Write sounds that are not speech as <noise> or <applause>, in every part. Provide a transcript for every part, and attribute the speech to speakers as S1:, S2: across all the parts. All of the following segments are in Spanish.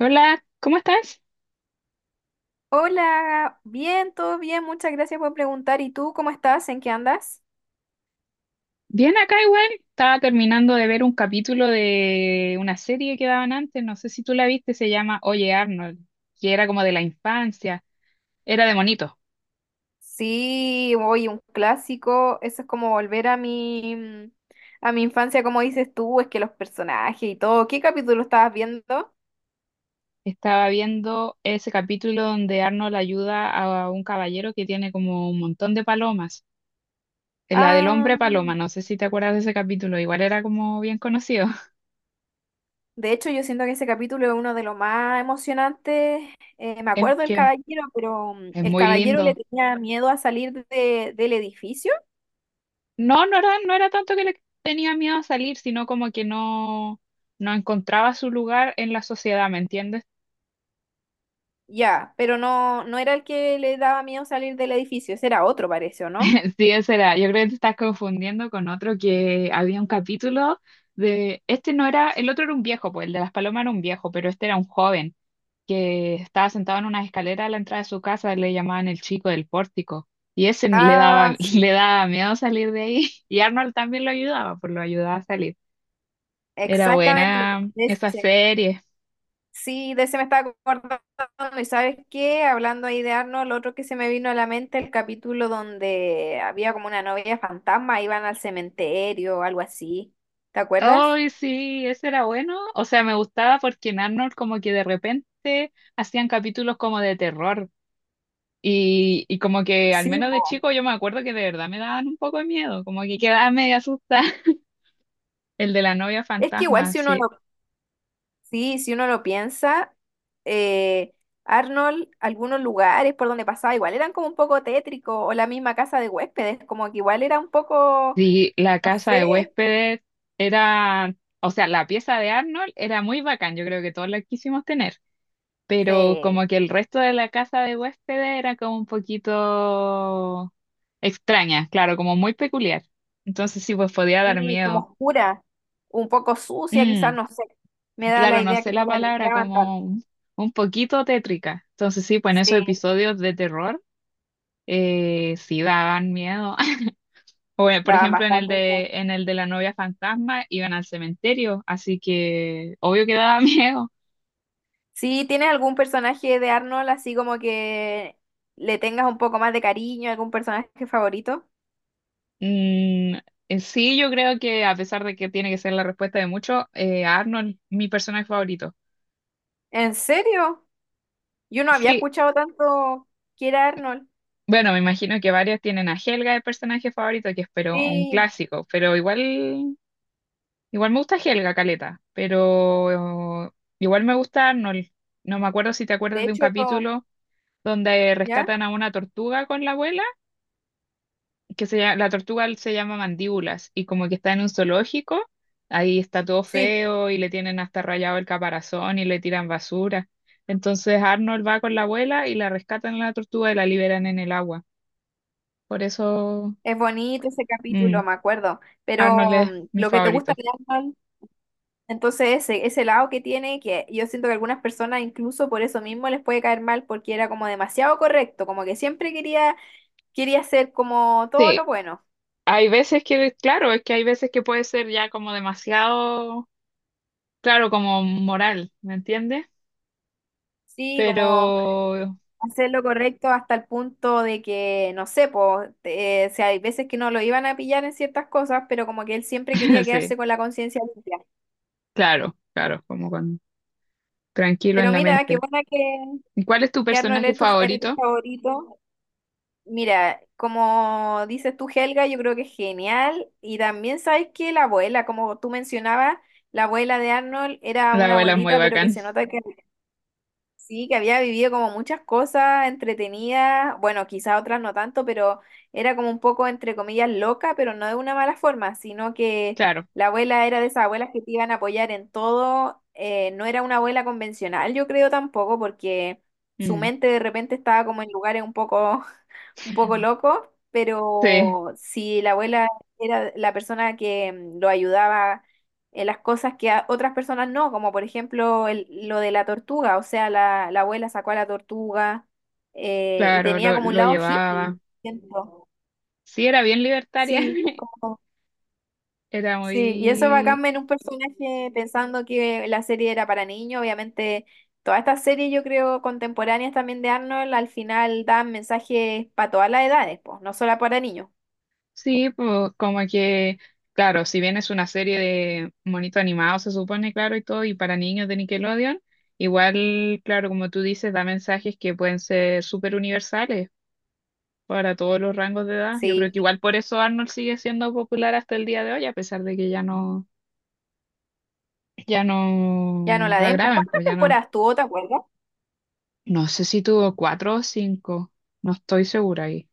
S1: Hola, ¿cómo estás?
S2: Hola, bien, todo bien, muchas gracias por preguntar. ¿Y tú cómo estás? ¿En qué andas?
S1: Bien acá igual. Estaba terminando de ver un capítulo de una serie que daban antes, no sé si tú la viste, se llama Oye Arnold, que era como de la infancia, era de monito.
S2: Sí, hoy un clásico, eso es como volver a mi a mi infancia, como dices tú, es que los personajes y todo. ¿Qué capítulo estabas viendo?
S1: Estaba viendo ese capítulo donde Arnold ayuda a un caballero que tiene como un montón de palomas. La del
S2: Ah,
S1: hombre paloma, no sé si te acuerdas de ese capítulo, igual era como bien conocido. <laughs>
S2: de hecho, yo siento que ese capítulo es uno de los más emocionantes. Me
S1: Es
S2: acuerdo del
S1: que
S2: caballero, pero
S1: es
S2: el
S1: muy
S2: caballero le
S1: lindo.
S2: tenía miedo a salir del edificio.
S1: No, no era tanto que le tenía miedo a salir, sino como que no, no encontraba su lugar en la sociedad, ¿me entiendes?
S2: Ya, pero no era el que le daba miedo salir del edificio, ese era otro, parece, ¿o no?
S1: <laughs> Sí, ese era. Yo creo que te estás confundiendo con otro que había un capítulo de, este no era, el otro era un viejo, pues el de las palomas era un viejo, pero este era un joven que estaba sentado en una escalera a la entrada de su casa, le llamaban el chico del pórtico. Y ese le daba,
S2: Ah,
S1: <laughs>
S2: sí,
S1: le daba miedo salir de ahí. Y Arnold también lo ayudaba, pues lo ayudaba a salir. Era
S2: exactamente.
S1: buena
S2: De
S1: esa
S2: ese.
S1: serie.
S2: Sí, de ese me estaba acordando. ¿Y sabes qué? Hablando ahí de Arnold, lo otro que se me vino a la mente, el capítulo donde había como una novia fantasma, iban al cementerio o algo así. ¿Te acuerdas?
S1: Ay, sí, ese era bueno. O sea, me gustaba porque en Arnold como que de repente hacían capítulos como de terror. Y como que al
S2: Sí,
S1: menos de
S2: po.
S1: chico yo me acuerdo que de verdad me daban un poco de miedo, como que quedaba medio asustada. <laughs> El de la novia
S2: Es que igual
S1: fantasma,
S2: si uno
S1: sí.
S2: lo, Sí, si uno lo piensa, eh, Arnold, algunos lugares por donde pasaba, igual eran como un poco tétricos, o la misma casa de huéspedes, como que igual era un poco,
S1: Sí, la
S2: no
S1: casa de
S2: sé,
S1: huéspedes era, o sea, la pieza de Arnold era muy bacán, yo creo que todos la quisimos tener. Pero
S2: sí.
S1: como que el resto de la casa de huéspedes era como un poquito extraña, claro, como muy peculiar. Entonces sí, pues podía dar
S2: Y como
S1: miedo.
S2: oscura, un poco sucia, quizás,
S1: Mm,
S2: no sé. Me da la
S1: claro, no
S2: idea
S1: sé
S2: que no
S1: la
S2: la
S1: palabra,
S2: limpiaban
S1: como
S2: tanto.
S1: un poquito tétrica. Entonces sí, pues en esos
S2: Sí,
S1: episodios de terror sí daban miedo. <laughs> O por
S2: daban
S1: ejemplo en el
S2: bastante
S1: de
S2: miedo.
S1: en el de la novia fantasma iban al cementerio, así que obvio que daba <laughs> miedo.
S2: Sí, ¿tienes algún personaje de Arnold así como que le tengas un poco más de cariño, algún personaje favorito?
S1: Mm, sí, yo creo que a pesar de que tiene que ser la respuesta de muchos, Arnold, mi personaje favorito.
S2: ¿En serio? Yo no había
S1: Sí,
S2: escuchado tanto que era Arnold.
S1: bueno, me imagino que varios tienen a Helga de personaje favorito, que es pero un
S2: Sí,
S1: clásico, pero igual, igual me gusta Helga, Caleta, pero igual me gusta Arnold. No me acuerdo si te
S2: de
S1: acuerdas de un
S2: hecho,
S1: capítulo donde
S2: ¿ya?
S1: rescatan a una tortuga con la abuela, que se llama, la tortuga se llama mandíbulas y como que está en un zoológico, ahí está todo
S2: Sí,
S1: feo y le tienen hasta rayado el caparazón y le tiran basura. Entonces Arnold va con la abuela y la rescatan a la tortuga y la liberan en el agua. Por eso
S2: es bonito ese
S1: mm,
S2: capítulo, me acuerdo. Pero
S1: Arnold es mi
S2: lo que te gusta
S1: favorito.
S2: de Arnold. Entonces, ese lado que tiene, que yo siento que algunas personas incluso por eso mismo les puede caer mal porque era como demasiado correcto, como que quería hacer como todo
S1: Sí,
S2: lo bueno,
S1: hay veces que, claro, es que hay veces que puede ser ya como demasiado, claro, como moral, ¿me entiendes?
S2: sí,
S1: Pero
S2: como hacer lo correcto hasta el punto de que, no sé, pues, o sea, hay veces que no lo iban a pillar en ciertas cosas, pero como que él siempre quería
S1: <laughs> sí,
S2: quedarse con la conciencia limpia.
S1: claro, claro, como con tranquilo en
S2: Pero
S1: la
S2: mira,
S1: mente. ¿Cuál es tu
S2: que Arnold
S1: personaje
S2: es eres tu
S1: favorito?
S2: favorito. Mira, como dices tú, Helga, yo creo que es genial. Y también sabes que la abuela, como tú mencionabas, la abuela de Arnold era
S1: La
S2: una
S1: abuela es muy
S2: abuelita, pero que
S1: bacán,
S2: se nota que sí, que había vivido como muchas cosas entretenidas. Bueno, quizás otras no tanto, pero era como un poco, entre comillas, loca, pero no de una mala forma, sino que
S1: claro.
S2: la abuela era de esas abuelas que te iban a apoyar en todo. No era una abuela convencional, yo creo tampoco, porque su
S1: Mm.
S2: mente de repente estaba como en lugares un poco loco,
S1: Sí,
S2: pero si la abuela era la persona que lo ayudaba en las cosas que a otras personas no, como por ejemplo lo de la tortuga, o sea, la abuela sacó a la tortuga y
S1: claro,
S2: tenía
S1: lo,
S2: como un
S1: lo
S2: lado hippie,
S1: llevaba.
S2: siento.
S1: Sí, era bien libertaria.
S2: Sí,
S1: <laughs>
S2: como-
S1: Era
S2: sí, y eso
S1: muy...
S2: bacán en un personaje pensando que la serie era para niños, obviamente. Todas estas series, yo creo, contemporáneas también de Arnold, al final dan mensajes para todas las edades, pues, no solo para niños.
S1: Sí, pues como que, claro, si bien es una serie de monitos animados, se supone, claro, y todo, y para niños de Nickelodeon, igual, claro, como tú dices, da mensajes que pueden ser súper universales para todos los rangos de edad. Yo creo que
S2: Sí,
S1: igual por eso Arnold sigue siendo popular hasta el día de hoy, a pesar de que ya no ya
S2: ya no
S1: no
S2: la
S1: la
S2: den. ¿Por
S1: graben,
S2: cuántas
S1: pues ya no.
S2: temporadas tuvo, te acuerdas?
S1: No sé si tuvo cuatro o cinco, no estoy segura ahí.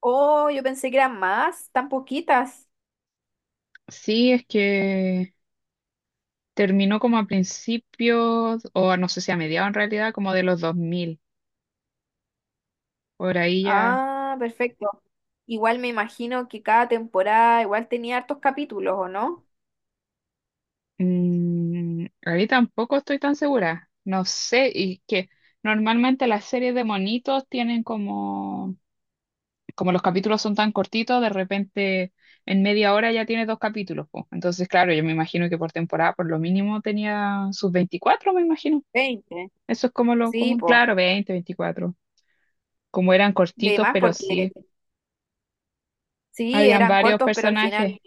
S2: Oh, yo pensé que eran más, tan poquitas.
S1: Sí, es que terminó como a principios, no sé si a mediados en realidad, como de los 2000. Por ahí ya.
S2: Ah, perfecto. Igual me imagino que cada temporada igual tenía hartos capítulos, ¿o no?
S1: Mm, ahí tampoco estoy tan segura. No sé, y que normalmente las series de monitos tienen como los capítulos son tan cortitos, de repente en media hora ya tiene dos capítulos, po. Entonces, claro, yo me imagino que por temporada por lo mínimo tenía sus 24, me imagino.
S2: 20.
S1: Eso es como lo
S2: Sí,
S1: común,
S2: pues.
S1: claro, 20, 24. Como eran
S2: De
S1: cortitos,
S2: más
S1: pero
S2: porque
S1: sí,
S2: sí,
S1: habían
S2: eran
S1: varios
S2: cortos, pero al final
S1: personajes.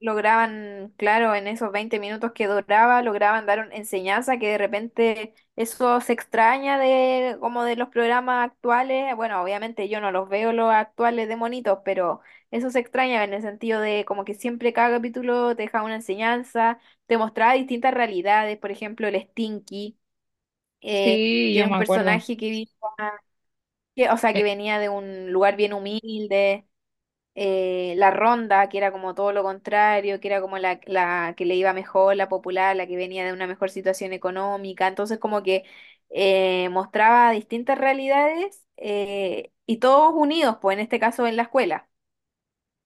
S2: lograban, claro, en esos 20 minutos que duraba, lograban dar una enseñanza que de repente eso se extraña de como de los programas actuales. Bueno, obviamente yo no los veo los actuales de monitos, pero eso se extraña en el sentido de como que siempre cada capítulo te deja una enseñanza, te mostraba distintas realidades, por ejemplo, el Stinky, eh,
S1: Sí,
S2: que
S1: yo
S2: era un
S1: me acuerdo.
S2: personaje o sea, que
S1: Eh,
S2: venía de un lugar bien humilde la ronda, que era como todo lo contrario, que era como la que le iba mejor, la popular, la que venía de una mejor situación económica. Entonces, como que mostraba distintas realidades y todos unidos, pues en este caso en la escuela.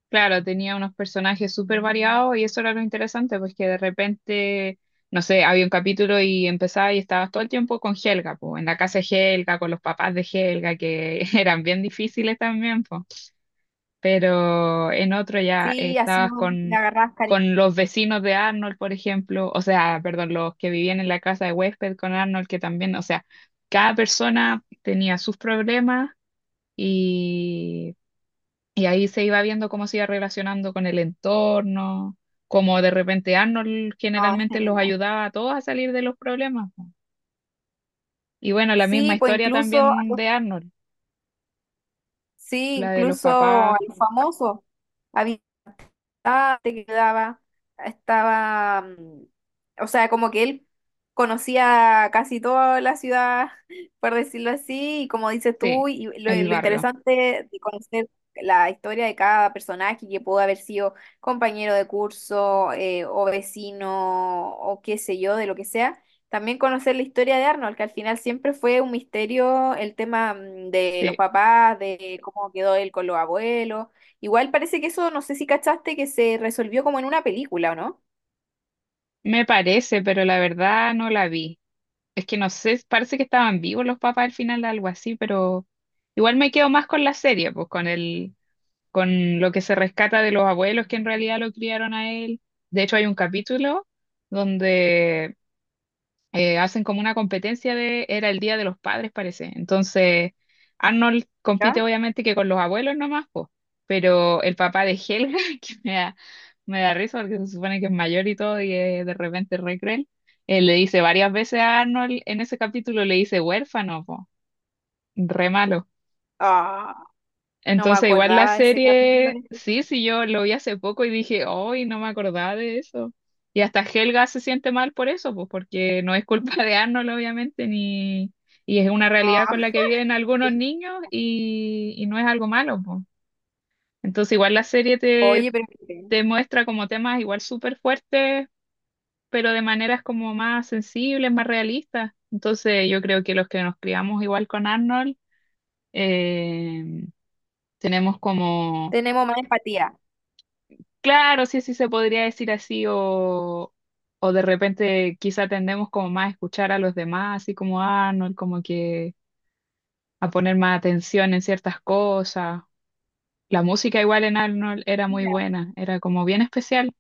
S1: Claro, tenía unos personajes súper variados y eso era lo interesante, pues que de repente, no sé, había un capítulo y empezaba y estabas todo el tiempo con Helga, pues, en la casa de Helga, con los papás de Helga, que <laughs> eran bien difíciles también, pues. Pero en otro ya
S2: Sí, así
S1: estabas
S2: le agarrabas cariño.
S1: con los vecinos de Arnold, por ejemplo, o sea, perdón, los que vivían en la casa de huésped con Arnold, que también, o sea, cada persona tenía sus problemas y y ahí se iba viendo cómo se iba relacionando con el entorno, cómo de repente Arnold
S2: No, es
S1: generalmente los
S2: genial.
S1: ayudaba a todos a salir de los problemas, po. Y bueno, la misma
S2: Sí, pues
S1: historia
S2: incluso, a
S1: también
S2: los-
S1: de Arnold,
S2: sí,
S1: la de los
S2: incluso a
S1: papás,
S2: los famosos. Había. estaba, te quedaba, estaba, mm, o sea, como que él conocía casi toda la ciudad, <laughs> por decirlo así, y como dices tú,
S1: sí,
S2: y lo,
S1: el
S2: lo
S1: barrio,
S2: interesante de conocer la historia de cada personaje que pudo haber sido compañero de curso, o vecino, o qué sé yo, de lo que sea. También conocer la historia de Arnold, que al final siempre fue un misterio el tema de los
S1: sí.
S2: papás, de cómo quedó él con los abuelos. Igual parece que eso, no sé si cachaste, que se resolvió como en una película, ¿o no?
S1: Me parece, pero la verdad no la vi. Es que no sé, parece que estaban vivos los papás al final, algo así, pero igual me quedo más con la serie, pues con el, con lo que se rescata de los abuelos que en realidad lo criaron a él. De hecho, hay un capítulo donde hacen como una competencia de, era el Día de los Padres, parece. Entonces, Arnold
S2: ¿Ya?
S1: compite obviamente que con los abuelos nomás, po, pero el papá de Helga, <laughs> que me da risa porque se supone que es mayor y todo y es de repente re cruel, le dice varias veces a Arnold, en ese capítulo le dice huérfano, po, re malo.
S2: Ah, no me
S1: Entonces, igual la
S2: acordaba de ese capítulo.
S1: serie, sí,
S2: <laughs>
S1: sí, yo lo vi hace poco y dije, hoy no me acordaba de eso. Y hasta Helga se siente mal por eso, pues porque no es culpa de Arnold, obviamente, ni... y es una realidad
S2: Ah.
S1: con la que viven algunos niños y no es algo malo, pues. Entonces, igual la serie te,
S2: Oye, pero mire,
S1: te muestra como temas igual súper fuertes, pero de maneras como más sensibles, más realistas. Entonces, yo creo que los que nos criamos igual con Arnold, eh, tenemos como
S2: tenemos más empatía.
S1: claro, sí, sí se podría decir así, o de repente quizá tendemos como más a escuchar a los demás, así como Arnold, como que a poner más atención en ciertas cosas. La música igual en Arnold era muy
S2: Mira,
S1: buena, era como bien especial.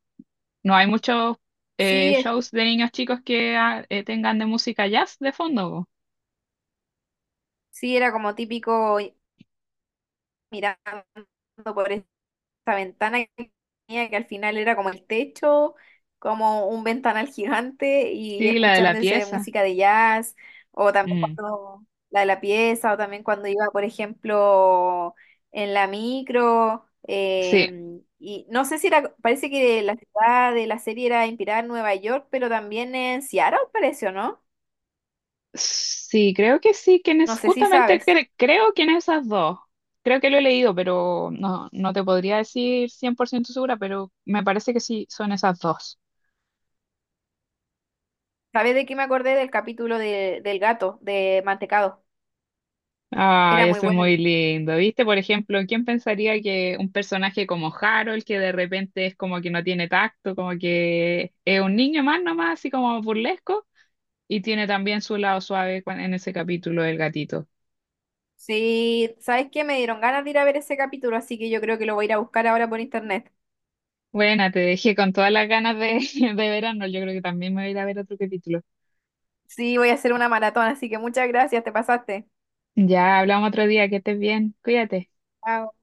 S1: No hay muchos
S2: sí, es-
S1: shows de niños chicos que tengan de música jazz de fondo, po.
S2: sí era como típico mirando por esa ventana que tenía, que al final era como el techo, como un ventanal gigante y
S1: Sí, la de la
S2: escuchándose
S1: pieza.
S2: música de jazz, o también
S1: Mm,
S2: cuando la de la pieza, o también cuando iba, por ejemplo, en la micro.
S1: sí.
S2: Y no sé si era, parece que la ciudad de la serie era inspirada en Nueva York, pero también en Seattle, parece, ¿o no?
S1: Sí, creo que sí, que
S2: No
S1: es
S2: sé si
S1: justamente
S2: sabes.
S1: creo que en esas dos. Creo que lo he leído, pero no, no te podría decir 100% segura, pero me parece que sí, son esas dos.
S2: ¿Sabes de qué me acordé del capítulo del gato, de Mantecado? Era
S1: Ay,
S2: muy
S1: eso es
S2: bueno.
S1: muy lindo. ¿Viste? Por ejemplo, ¿quién pensaría que un personaje como Harold, que de repente es como que no tiene tacto, como que es un niño más nomás, así como burlesco, y tiene también su lado suave en ese capítulo del gatito?
S2: Sí, ¿sabes qué? Me dieron ganas de ir a ver ese capítulo, así que yo creo que lo voy a ir a buscar ahora por internet.
S1: Bueno, te dejé con todas las ganas de, <laughs> de verano. Yo creo que también me voy a ir a ver otro capítulo.
S2: Sí, voy a hacer una maratón, así que muchas gracias, te pasaste.
S1: Ya hablamos otro día, que estés bien, cuídate.
S2: Chao.